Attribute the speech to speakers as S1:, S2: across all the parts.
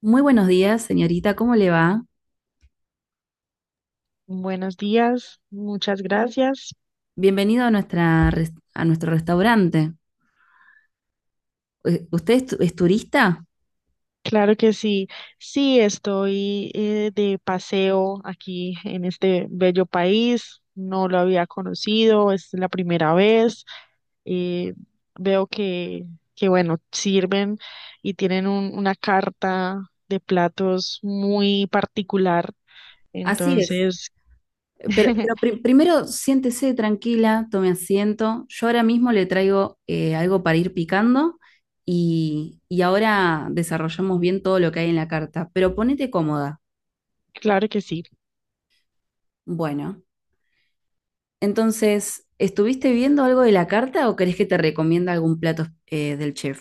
S1: Muy buenos días, señorita, ¿cómo le va?
S2: Buenos días, muchas gracias.
S1: Bienvenido a a nuestro restaurante. ¿Usted es, es turista?
S2: Claro que sí, sí, estoy de paseo aquí en este bello país, no lo había conocido, es la primera vez. Eh, veo que, bueno, sirven y tienen una carta de platos muy particular,
S1: Así es.
S2: entonces,
S1: Pero, primero siéntese tranquila, tome asiento. Yo ahora mismo le traigo algo para ir picando y ahora desarrollamos bien todo lo que hay en la carta. Pero ponete cómoda.
S2: claro que sí.
S1: Bueno, entonces, ¿estuviste viendo algo de la carta o crees que te recomienda algún plato del chef?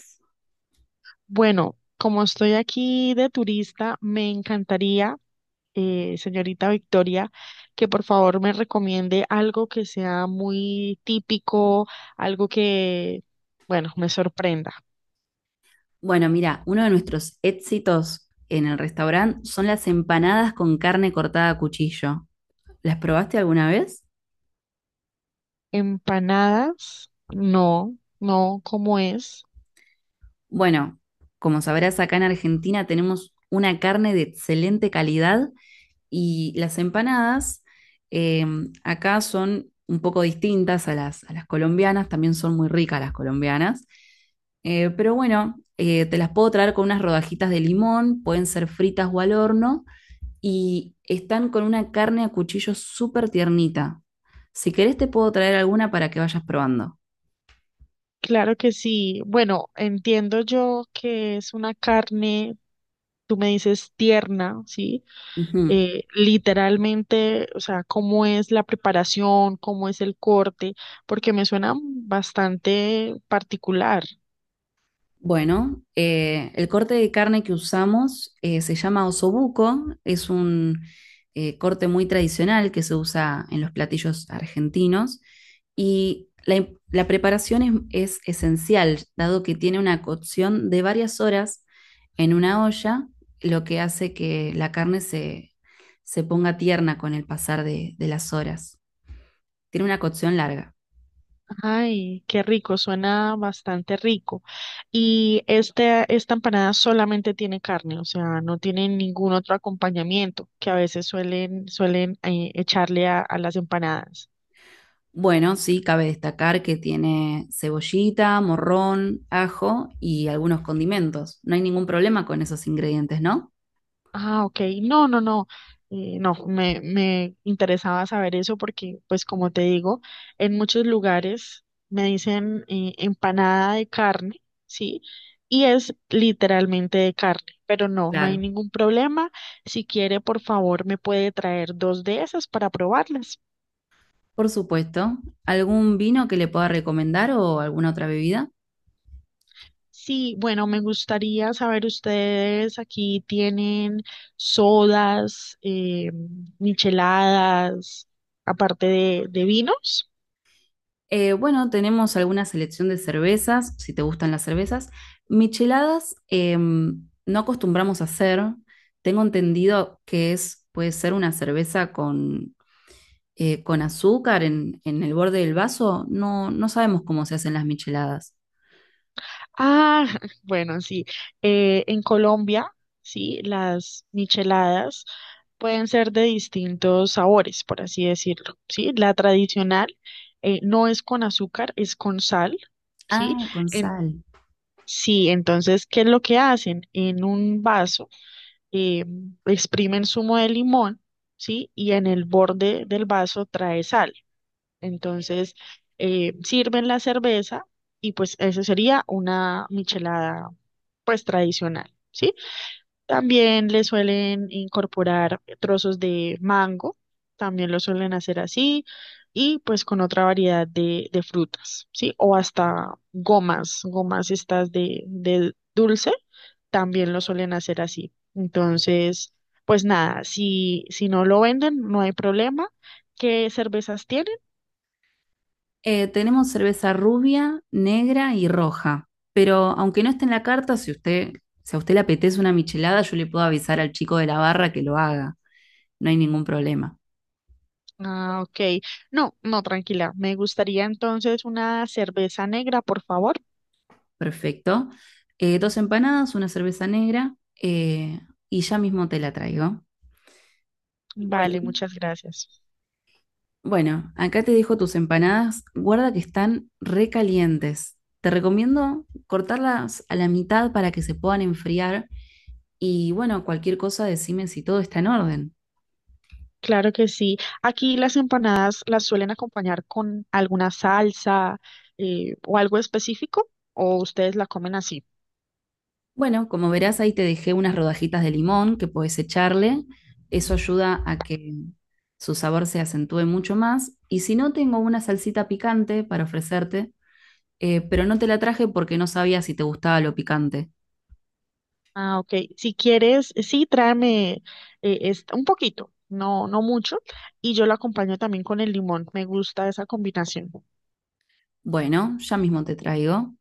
S2: Bueno, como estoy aquí de turista, me encantaría, señorita Victoria, que por favor me recomiende algo que sea muy típico, algo que, bueno, me sorprenda.
S1: Bueno, mira, uno de nuestros éxitos en el restaurante son las empanadas con carne cortada a cuchillo. ¿Las probaste alguna vez?
S2: Empanadas, no, no, ¿cómo es?
S1: Bueno, como sabrás, acá en Argentina tenemos una carne de excelente calidad y las empanadas, eh, acá son un poco distintas a a las colombianas, también son muy ricas las colombianas. Pero bueno, te las puedo traer con unas rodajitas de limón, pueden ser fritas o al horno y están con una carne a cuchillo súper tiernita. Si querés te puedo traer alguna para que vayas probando.
S2: Claro que sí. Bueno, entiendo yo que es una carne, tú me dices tierna, ¿sí?
S1: Ujú.
S2: Literalmente, o sea, ¿cómo es la preparación, cómo es el corte? Porque me suena bastante particular.
S1: Bueno, el corte de carne que usamos se llama osobuco, es un corte muy tradicional que se usa en los platillos argentinos y la preparación es esencial, dado que tiene una cocción de varias horas en una olla, lo que hace que la carne se, se ponga tierna con el pasar de las horas. Tiene una cocción larga.
S2: Ay, qué rico, suena bastante rico. Y este, esta empanada solamente tiene carne, o sea, ¿no tiene ningún otro acompañamiento que a veces suelen, suelen echarle a las empanadas?
S1: Bueno, sí, cabe destacar que tiene cebollita, morrón, ajo y algunos condimentos. No hay ningún problema con esos ingredientes, ¿no?
S2: Ah, ok. No, no, no. No, me interesaba saber eso porque, pues como te digo, en muchos lugares me dicen, empanada de carne, ¿sí? Y es literalmente de carne, pero no, no hay
S1: Claro.
S2: ningún problema. Si quiere, por favor, ¿me puede traer dos de esas para probarlas?
S1: Por supuesto. ¿Algún vino que le pueda recomendar o alguna otra bebida?
S2: Sí, bueno, me gustaría saber, ustedes aquí tienen sodas, micheladas, aparte de vinos.
S1: Bueno, tenemos alguna selección de cervezas, si te gustan las cervezas. Micheladas no acostumbramos a hacer. Tengo entendido que es, puede ser una cerveza con azúcar en el borde del vaso, no, no sabemos cómo se hacen las micheladas.
S2: Ah, bueno, sí. En Colombia, sí, las micheladas pueden ser de distintos sabores, por así decirlo, sí. La tradicional no es con azúcar, es con sal, sí.
S1: Ah, con
S2: En-
S1: sal.
S2: sí, entonces, ¿qué es lo que hacen? En un vaso eh, exprimen zumo de limón, sí, y en el borde del vaso trae sal. Entonces, sirven la cerveza y pues eso sería una michelada pues tradicional, ¿sí? También le suelen incorporar trozos de mango, también lo suelen hacer así, y pues con otra variedad de frutas, ¿sí? O hasta gomas, gomas estas de dulce, también lo suelen hacer así. Entonces, pues nada, si, si no lo venden, no hay problema. ¿Qué cervezas tienen?
S1: Tenemos cerveza rubia, negra y roja. Pero aunque no esté en la carta, si a usted le apetece una michelada, yo le puedo avisar al chico de la barra que lo haga. No hay ningún problema.
S2: Ah, ok. No, no, tranquila. Me gustaría entonces una cerveza negra, por favor.
S1: Perfecto. Dos empanadas, una cerveza negra, eh, y ya mismo te la traigo.
S2: Vale,
S1: Bueno.
S2: muchas gracias.
S1: Bueno, acá te dejo tus empanadas. Guarda que están recalientes. Te recomiendo cortarlas a la mitad para que se puedan enfriar. Y bueno, cualquier cosa decime si todo está en orden.
S2: Claro que sí. Aquí las empanadas, ¿las suelen acompañar con alguna salsa o algo específico, o ustedes la comen así?
S1: Bueno, como verás, ahí te dejé unas rodajitas de limón que puedes echarle. Eso ayuda a que su sabor se acentúe mucho más. Y si no, tengo una salsita picante para ofrecerte, pero no te la traje porque no sabía si te gustaba lo picante.
S2: Ah, ok. Si quieres, sí, tráeme un poquito, no, no mucho, y yo lo acompaño también con el limón. Me gusta esa combinación.
S1: Bueno, ya mismo te traigo.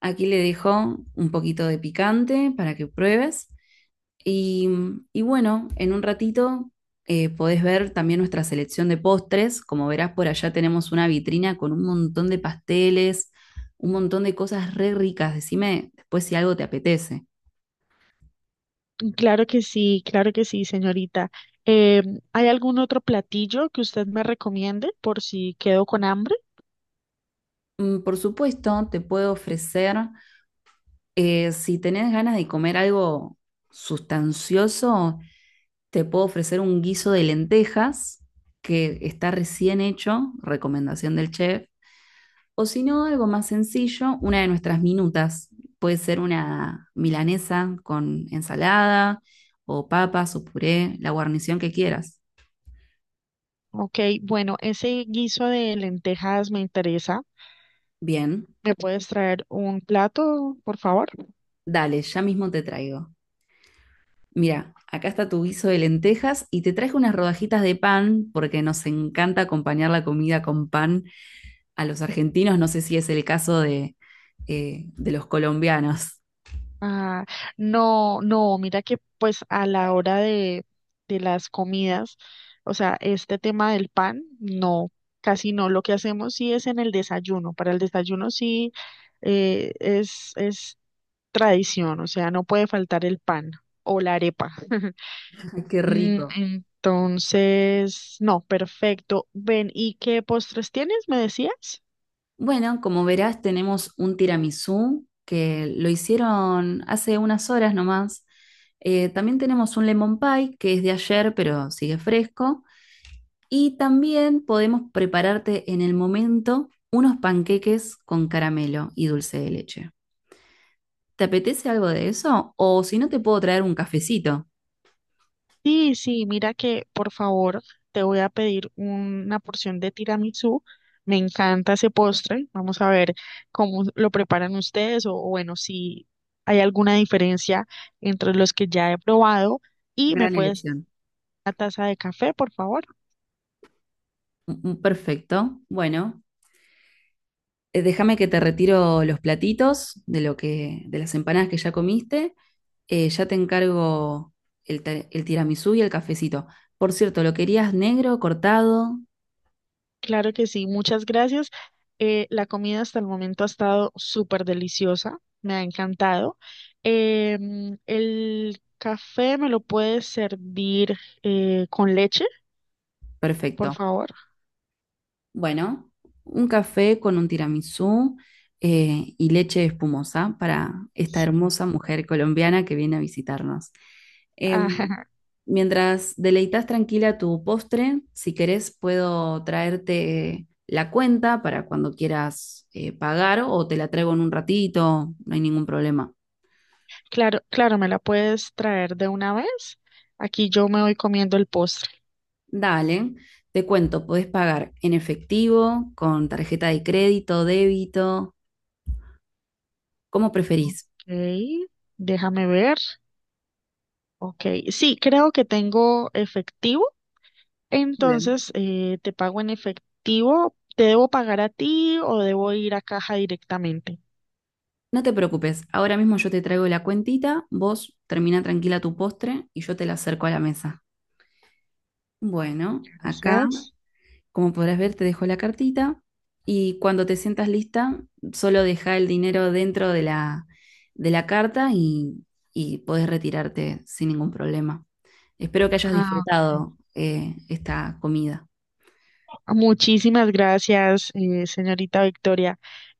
S1: Aquí le dejo un poquito de picante para que pruebes. Y, y bueno, en un ratito podés ver también nuestra selección de postres. Como verás, por allá tenemos una vitrina con un montón de pasteles, un montón de cosas re ricas. Decime después si algo te apetece.
S2: Claro que sí, señorita. Eh, ¿Hay algún otro platillo que usted me recomiende por si quedo con hambre?
S1: Por supuesto, te puedo ofrecer, si tenés ganas de comer algo sustancioso, te puedo ofrecer un guiso de lentejas que está recién hecho, recomendación del chef. O si no, algo más sencillo, una de nuestras minutas. Puede ser una milanesa con ensalada o papas o puré, la guarnición que quieras.
S2: Ok, bueno, ese guiso de lentejas me interesa.
S1: Bien,
S2: ¿Me puedes traer un plato, por favor?
S1: dale, ya mismo te traigo. Mira, acá está tu guiso de lentejas y te traje unas rodajitas de pan porque nos encanta acompañar la comida con pan. A los argentinos no sé si es el caso de los colombianos.
S2: Ah, no, no, mira que pues a la hora de las comidas, o sea, este tema del pan, no, casi no. Lo que hacemos sí es en el desayuno. Para el desayuno sí es tradición, o sea, no puede faltar el pan o la arepa.
S1: Ay, qué
S2: Mm,
S1: rico.
S2: entonces, no, perfecto. Ven, ¿y qué postres tienes? ¿Me decías?
S1: Bueno, como verás, tenemos un tiramisú que lo hicieron hace unas horas nomás. También tenemos un lemon pie que es de ayer, pero sigue fresco. Y también podemos prepararte en el momento unos panqueques con caramelo y dulce de leche. ¿Te apetece algo de eso? O si no, te puedo traer un cafecito.
S2: Sí, sí, mira que por favor te voy a pedir una porción de tiramisú. Me encanta ese postre. Vamos a ver cómo lo preparan ustedes o bueno, si hay alguna diferencia entre los que ya he probado. Y me
S1: Gran
S2: puedes dar
S1: elección.
S2: una taza de café, por favor.
S1: Perfecto. Bueno, déjame que te retiro los platitos de las empanadas que ya comiste. Ya te encargo el tiramisú y el cafecito. Por cierto, ¿lo querías negro, cortado?
S2: Claro que sí, muchas gracias. La comida hasta el momento ha estado súper deliciosa, me ha encantado. El café me lo puedes servir con leche, por
S1: Perfecto.
S2: favor.
S1: Bueno, un café con un tiramisú, y leche espumosa para esta hermosa mujer colombiana que viene a visitarnos. Em,
S2: Ajá,
S1: mientras deleitas tranquila tu postre, si querés puedo traerte la cuenta para cuando quieras pagar o te la traigo en un ratito, no hay ningún problema.
S2: claro, claro, me la puedes traer de una vez. Aquí yo me voy comiendo el postre.
S1: Dale, te cuento, podés pagar en efectivo, con tarjeta de crédito, débito, como preferís.
S2: Ok, déjame ver. Ok, sí, creo que tengo efectivo.
S1: Muy bien.
S2: Entonces, te pago en efectivo. ¿Te debo pagar a ti o debo ir a caja directamente?
S1: No te preocupes, ahora mismo yo te traigo la cuentita, vos termina tranquila tu postre y yo te la acerco a la mesa. Bueno, acá,
S2: Gracias.
S1: como podrás ver, te dejo la cartita y cuando te sientas lista, solo deja el dinero dentro de de la carta y podés retirarte sin ningún problema. Espero que hayas
S2: Ah, ok.
S1: disfrutado esta comida.
S2: Muchísimas gracias, señorita Victoria.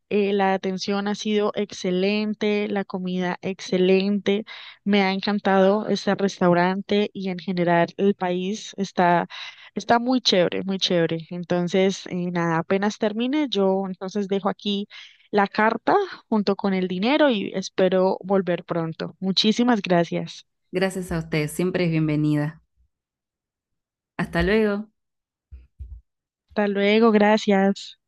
S2: La atención ha sido excelente, la comida excelente. Me ha encantado este restaurante y en general el país está, está muy chévere, muy chévere. Entonces, nada, apenas termine, yo entonces dejo aquí la carta junto con el dinero y espero volver pronto. Muchísimas gracias.
S1: Gracias a ustedes, siempre es bienvenida. Hasta luego.
S2: Hasta luego, gracias.